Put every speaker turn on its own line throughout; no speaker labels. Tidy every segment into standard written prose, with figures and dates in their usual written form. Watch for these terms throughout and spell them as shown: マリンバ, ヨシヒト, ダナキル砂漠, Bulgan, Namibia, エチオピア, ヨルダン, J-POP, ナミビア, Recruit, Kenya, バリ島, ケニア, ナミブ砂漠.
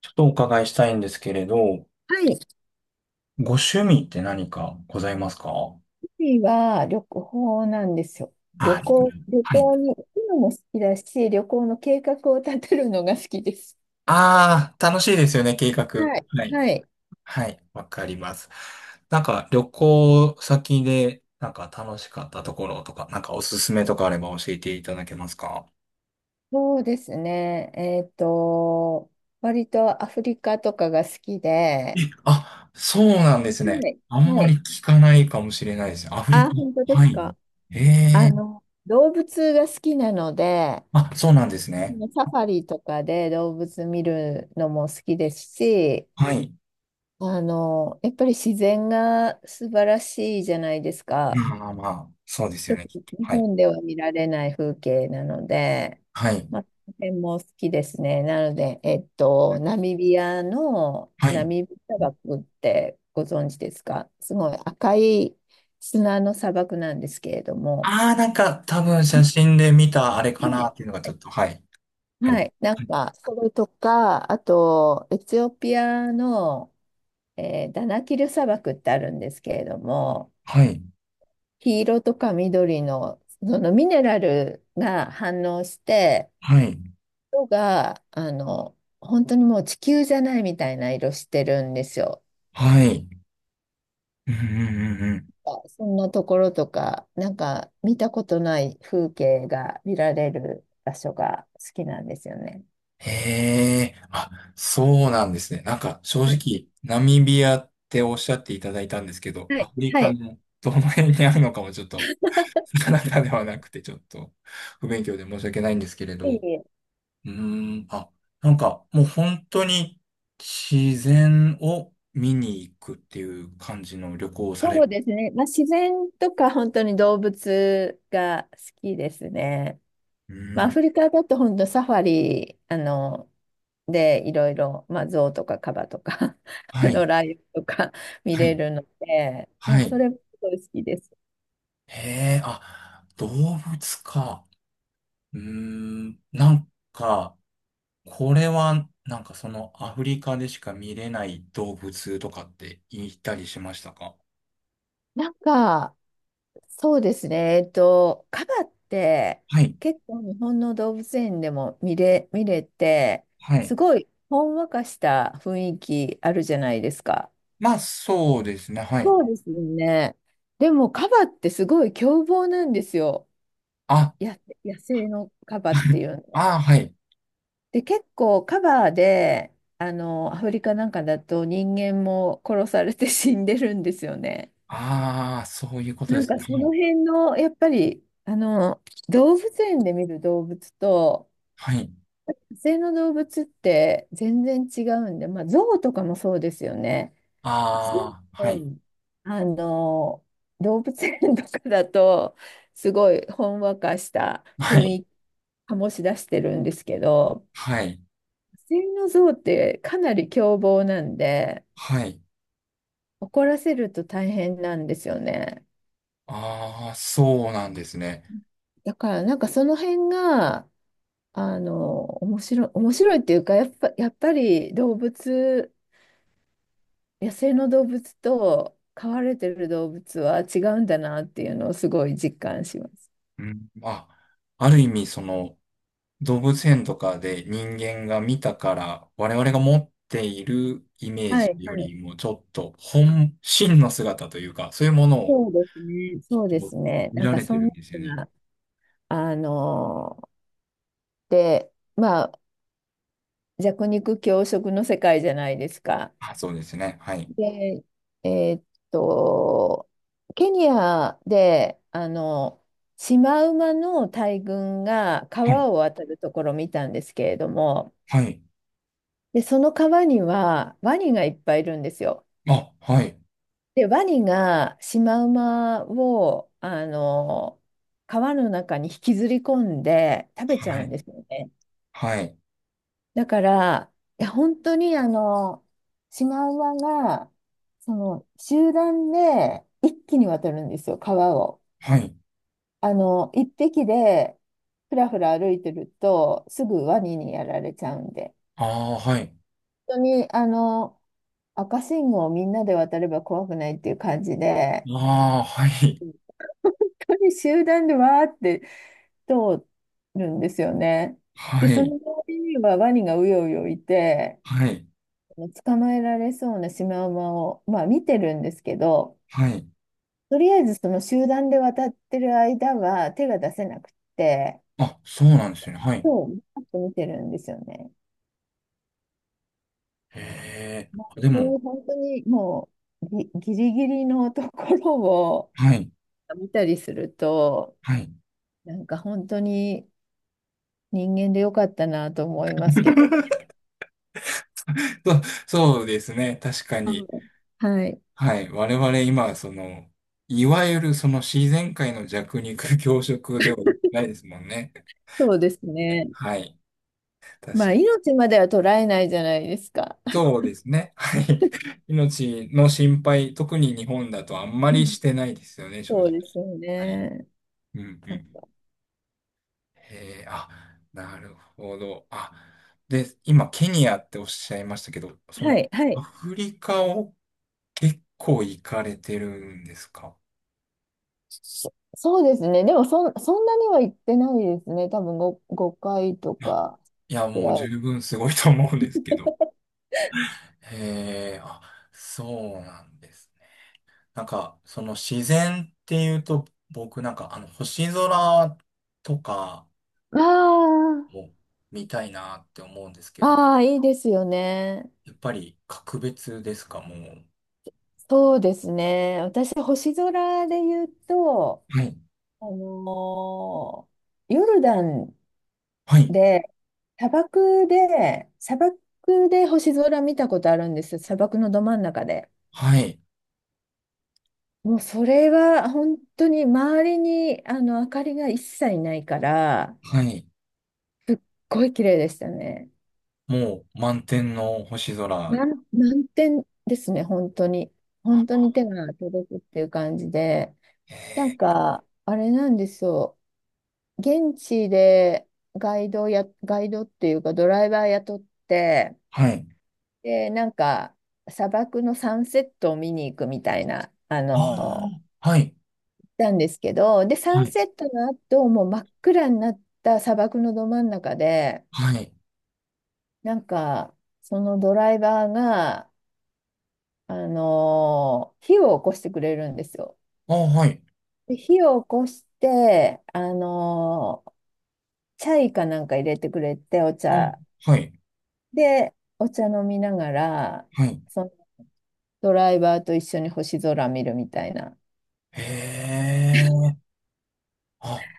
ちょっとお伺いしたいんですけれど、
はい。趣
ご趣味って何かございますか？は
味は旅行なんですよ。旅
あ、リクル
行、
ート、
旅
はい。
行に行くのも好きだし、旅行の計画を立てるのが好きです。
ああ、楽しいですよね、計画。
はい。
はい。
はい。
はい、わかります。なんか、旅行先で、なんか楽しかったところとか、なんかおすすめとかあれば教えていただけますか？
そうですね。割とアフリカとかが好き
え、
で、
あ、そうなんですね。
はい。
あん
は
まり
い。
聞かないかもしれないですね、アフリカ。
あ、本当で
は
す
い。
か？
ええ、
動物が好きなので、
あ、そうなんですね。
サファリとかで動物見るのも好きですし、
はい。
やっぱり自然が素晴らしいじゃないですか。
まあまあ、まあ、そうです
ち
よ
ょっ
ね、
と
きっと。
日
はい。
本では見られない風景なので、
はい。
まあ、この辺も好きですね。なので、ナミビアの
は
ナ
い。
ミブ砂漠ってご存知ですか？すごい赤い砂の砂漠なんですけれども、
ああ、なんか多分写真で見たあれか
は
な
い
っていうのがちょっと、はい。あ
は
り、
い、な
は
ん
い。
か、それとか、あと、エチオピアの、ダナキル砂漠ってあるんですけれども、
は
黄色とか緑の、そのミネラルが反応して、
い。
色が、本当にもう地球じゃないみたいな色してるんですよ。
はい。うんうんうんうん。
あ、そんなところとか、なんか見たことない風景が見られる場所が好きなんですよね。
へえ。あ、そうなんですね。なんか正
はい。
直、ナミビアっておっしゃっていただいたんですけど、
は
ア
い。
フリ
は
カ
い。
のどの辺にあるのかもちょっと、なかなか、ではなくて、ちょっと不勉強で申し訳ないんですけれ
いえ
ど。
いえ。
うーん。あ、なんかもう本当に自然を見に行くっていう感じの旅行をされ
そう
る。
ですね。まあ、自然とか本当に動物が好きですね。
う
まあ、
ー
ア
ん。
フリカだと本当サファリ、で、いろいろ、まあ、象とかカバとか
はい。
ライオンとか見
は
れ
い。
るので、も
は
うそ
い。
れもすごい好きです。
へえ、あ、動物か。うーん。なんか、これは、なんかそのアフリカでしか見れない動物とかって言ったりしましたか？
なんか、そうですね。カバって
はい。
結構日本の動物園でも見れて、
は
す
い。
ごいほんわかした雰囲気あるじゃないですか。
まあ、そうですね。はい。
そうですよね。でも、カバってすごい凶暴なんですよ。
あ、
や、野生のカバってい うのは。
ああ、はい。
で、結構カバーで、アフリカなんかだと人間も殺されて 死んでるんですよね。
ああ、そういうこと
な
で
ん
す
か
ね。
そ
は
の
い。
辺の、やっぱり、動物園で見る動物と、
はい。
野生の動物って全然違うんで、まあ、象とかもそうですよね。象って
ああ、はい。
あの、動物園とかだと、すごいほんわかした
は
雰
い。
囲気醸し出してるんですけど、
はい。
セミの像ってかなり凶暴なんで、
はい。
怒らせると大変なんですよね。
ああ、そうなんですね。
だからなんかその辺が、面白いっていうか、やっぱり動物、野生の動物と飼われてる動物は違うんだなっていうのをすごい実感します。
うん、あ、ある意味、その、動物園とかで人間が見たから、我々が持っているイメー
は
ジ
い
よ
はい。
りも、ちょっと本、真の姿というか、そういうものを
そうですね。そうですね。
見
なん
ら
か
れて
そん
る
な
んですよ
の
ね。
が、あの、で、まあ、弱肉強食の世界じゃないですか。
あ、そうですね。はい。
で、えーっと、ケニアで、シマウマの大群が
はい。
川を渡るところを見たんですけれども、
はい。
で、その川にはワニがいっぱいいるんですよ。
あ、はい。
で、ワニがシマウマを、川の中に引きずり込んで食べちゃ
は
うん
い。
ですよね。
はい。
だから、いや、本当にシマウマが、その、集団で一気に渡るんですよ、川を。
はい。
一匹でふらふら歩いてると、すぐワニにやられちゃうんで。
ああ、はい。
本当に、赤信号をみんなで渡れば怖くないっていう感じで、
ああ、はい。
本当に集団でわーって通るんですよね。で、
は
そ
い。
の通りにはワニがうようよいて、
はい。
捕まえられそうなシマウマを、まあ、見てるんですけど、
はい。
とりあえずその集団で渡ってる間は手が出せなくて、
あ、そうなんですよね。はい。
そう、パッと見てるんですよね。
へえ。
まあ、
あで
そう
も、
いう本当にもうギリギリのところを
はい。
見たりすると、
はい。
なんか本当に人間でよかったなと思いますけど。
そ、そうですね。確か
うん。
に。
はい。
はい。我々今、その、いわゆるその自然界の弱肉強食ではないですもんね。
そうですね。
はい。
ま
確
あ、
かに。
命までは捉えないじゃないですか。
そうですね。はい。命の心配、特に日本だとあんま
う
り
ん。
してないですよね、正
そう
直。
ですよ
はい。
ね。
うんうん。へえ、あ、なるほど。あ、で、今、ケニアっておっしゃいましたけど、そ
は
の、
い、は
ア
い。
フリカを結構行かれてるんですか？
そうですね。でもそんなには行ってないですね。多分5回と
あ、
か
いや、
ぐ
もう
ら
十
い。
分すごいと思うんですけど。へえ、あ、そうなんですね。なんか、その自然っていうと、僕なんか、あの、星空とか
あ
も見たいなって思うんですけ
あ、
ど、
ああ、いいですよね。
やっぱり格別ですか、もう。
そうですね。私、星空で言うと、
はい、
あのヨルダン
はい、
で、砂漠で星空見たことあるんですよ。砂漠のど真ん中で。
はい、
もうそれは本当に周りにあの明かりが一切ないから、
はい。
すっごい綺麗でしたね。
もう満天の星空。
な満点ですね、本当に。本当
あ、
に手が届くっていう感じで。
へ
なん
え、
か、あれなんですよ。現地でガイドっていうかドライバー雇って、
はい。
で、なんか、砂漠のサンセットを見に行くみたいな、
ああ、はい、
なんですけど、で、サ
は
ン
い、
セットの後、もう真っ暗になった砂漠のど真ん中で、
はい。
なんか、そのドライバーが、火を起こしてくれるんですよ。
あ、はい、
で、火を起こして、チャイかなんか入れてくれて、お
あ、
茶。
はい、
で、お茶飲みながら、
はい。
そのドライバーと一緒に星空見るみたいな。
へえ、あ、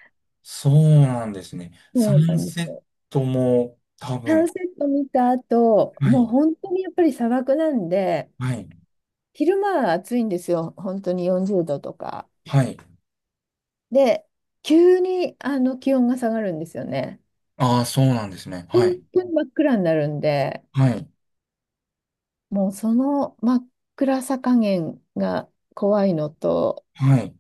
そうなんですね。サ
そうな
ン
んで
セ
す
ッ
よ。
トも多
サン
分、
セット見た後、
は
もう
い、
本当にやっぱり砂漠なんで、
はい、
昼間は暑いんですよ。本当に40度とか。
はい。
で、急にあの気温が下がるんですよね。
ああ、そうなんですね。
本
はい、
当に真っ暗になるんで、
はい、
もうその真っ暗さ加減が怖いのと、
はい、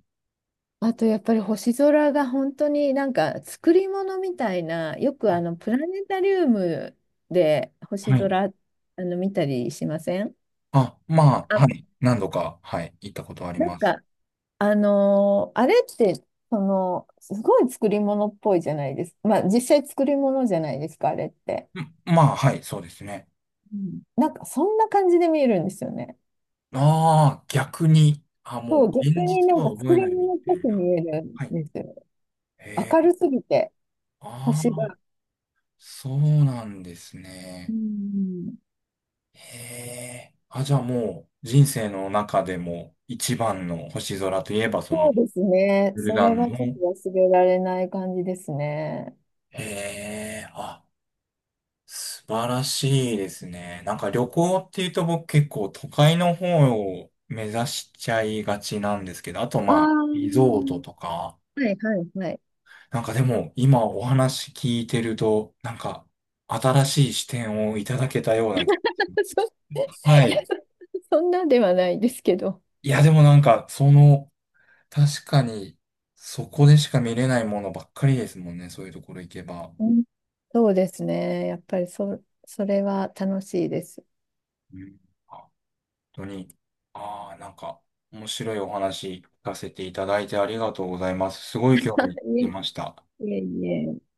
あとやっぱり星空が本当になんか作り物みたいな、よくあのプラネタリウムで星
はい。
空見たりしません？
あ、まあ、は
あ、
い。何度か、はい、行ったことあり
なん
ます。
かあれってそのすごい作り物っぽいじゃないですか。まあ実際作り物じゃないですか、あれって。
ん、まあ、はい、そうですね。
うん。なんかそんな感じで見えるんですよね。
ああ、逆に、あ、
そ
も
う、
う、
逆
現
に
実
な
と
んか
は覚
作
え
り
ないみ
物っ
た
ぽ
い
く見
な。
えるん
はい。
ですよ。
へ
明
え、
るすぎて、
あ
星
あ、
が。
そうなんです
う
ね。
ん。
へえ。あ、じゃあもう人生の中でも一番の星空といえば、そ
そ
の
うですね。
ブル
そ
ガ
れ
ン
はちょっ
の。
と忘れられない感じですね。
へえ。あ、素晴らしいですね。なんか旅行っていうと僕結構都会の方を目指しちゃいがちなんですけど、あと
ああ、
まあリゾー
は
トとか。
いはいはい。
なんかでも今お話聞いてると、なんか新しい視点をいただけたような気。
そ、
は
いや、
い。
そんなではないですけど。
いやでもなんかその確かに、そこでしか見れないものばっかりですもんね、そういうところ行けば。
うん、そうですね。やっぱりそれは楽しいです。
うん、本当に、ああ、なんか、面白いお話聞かせていただいてありがとうございます。すごい興味 出
い
ました。
えいえいえ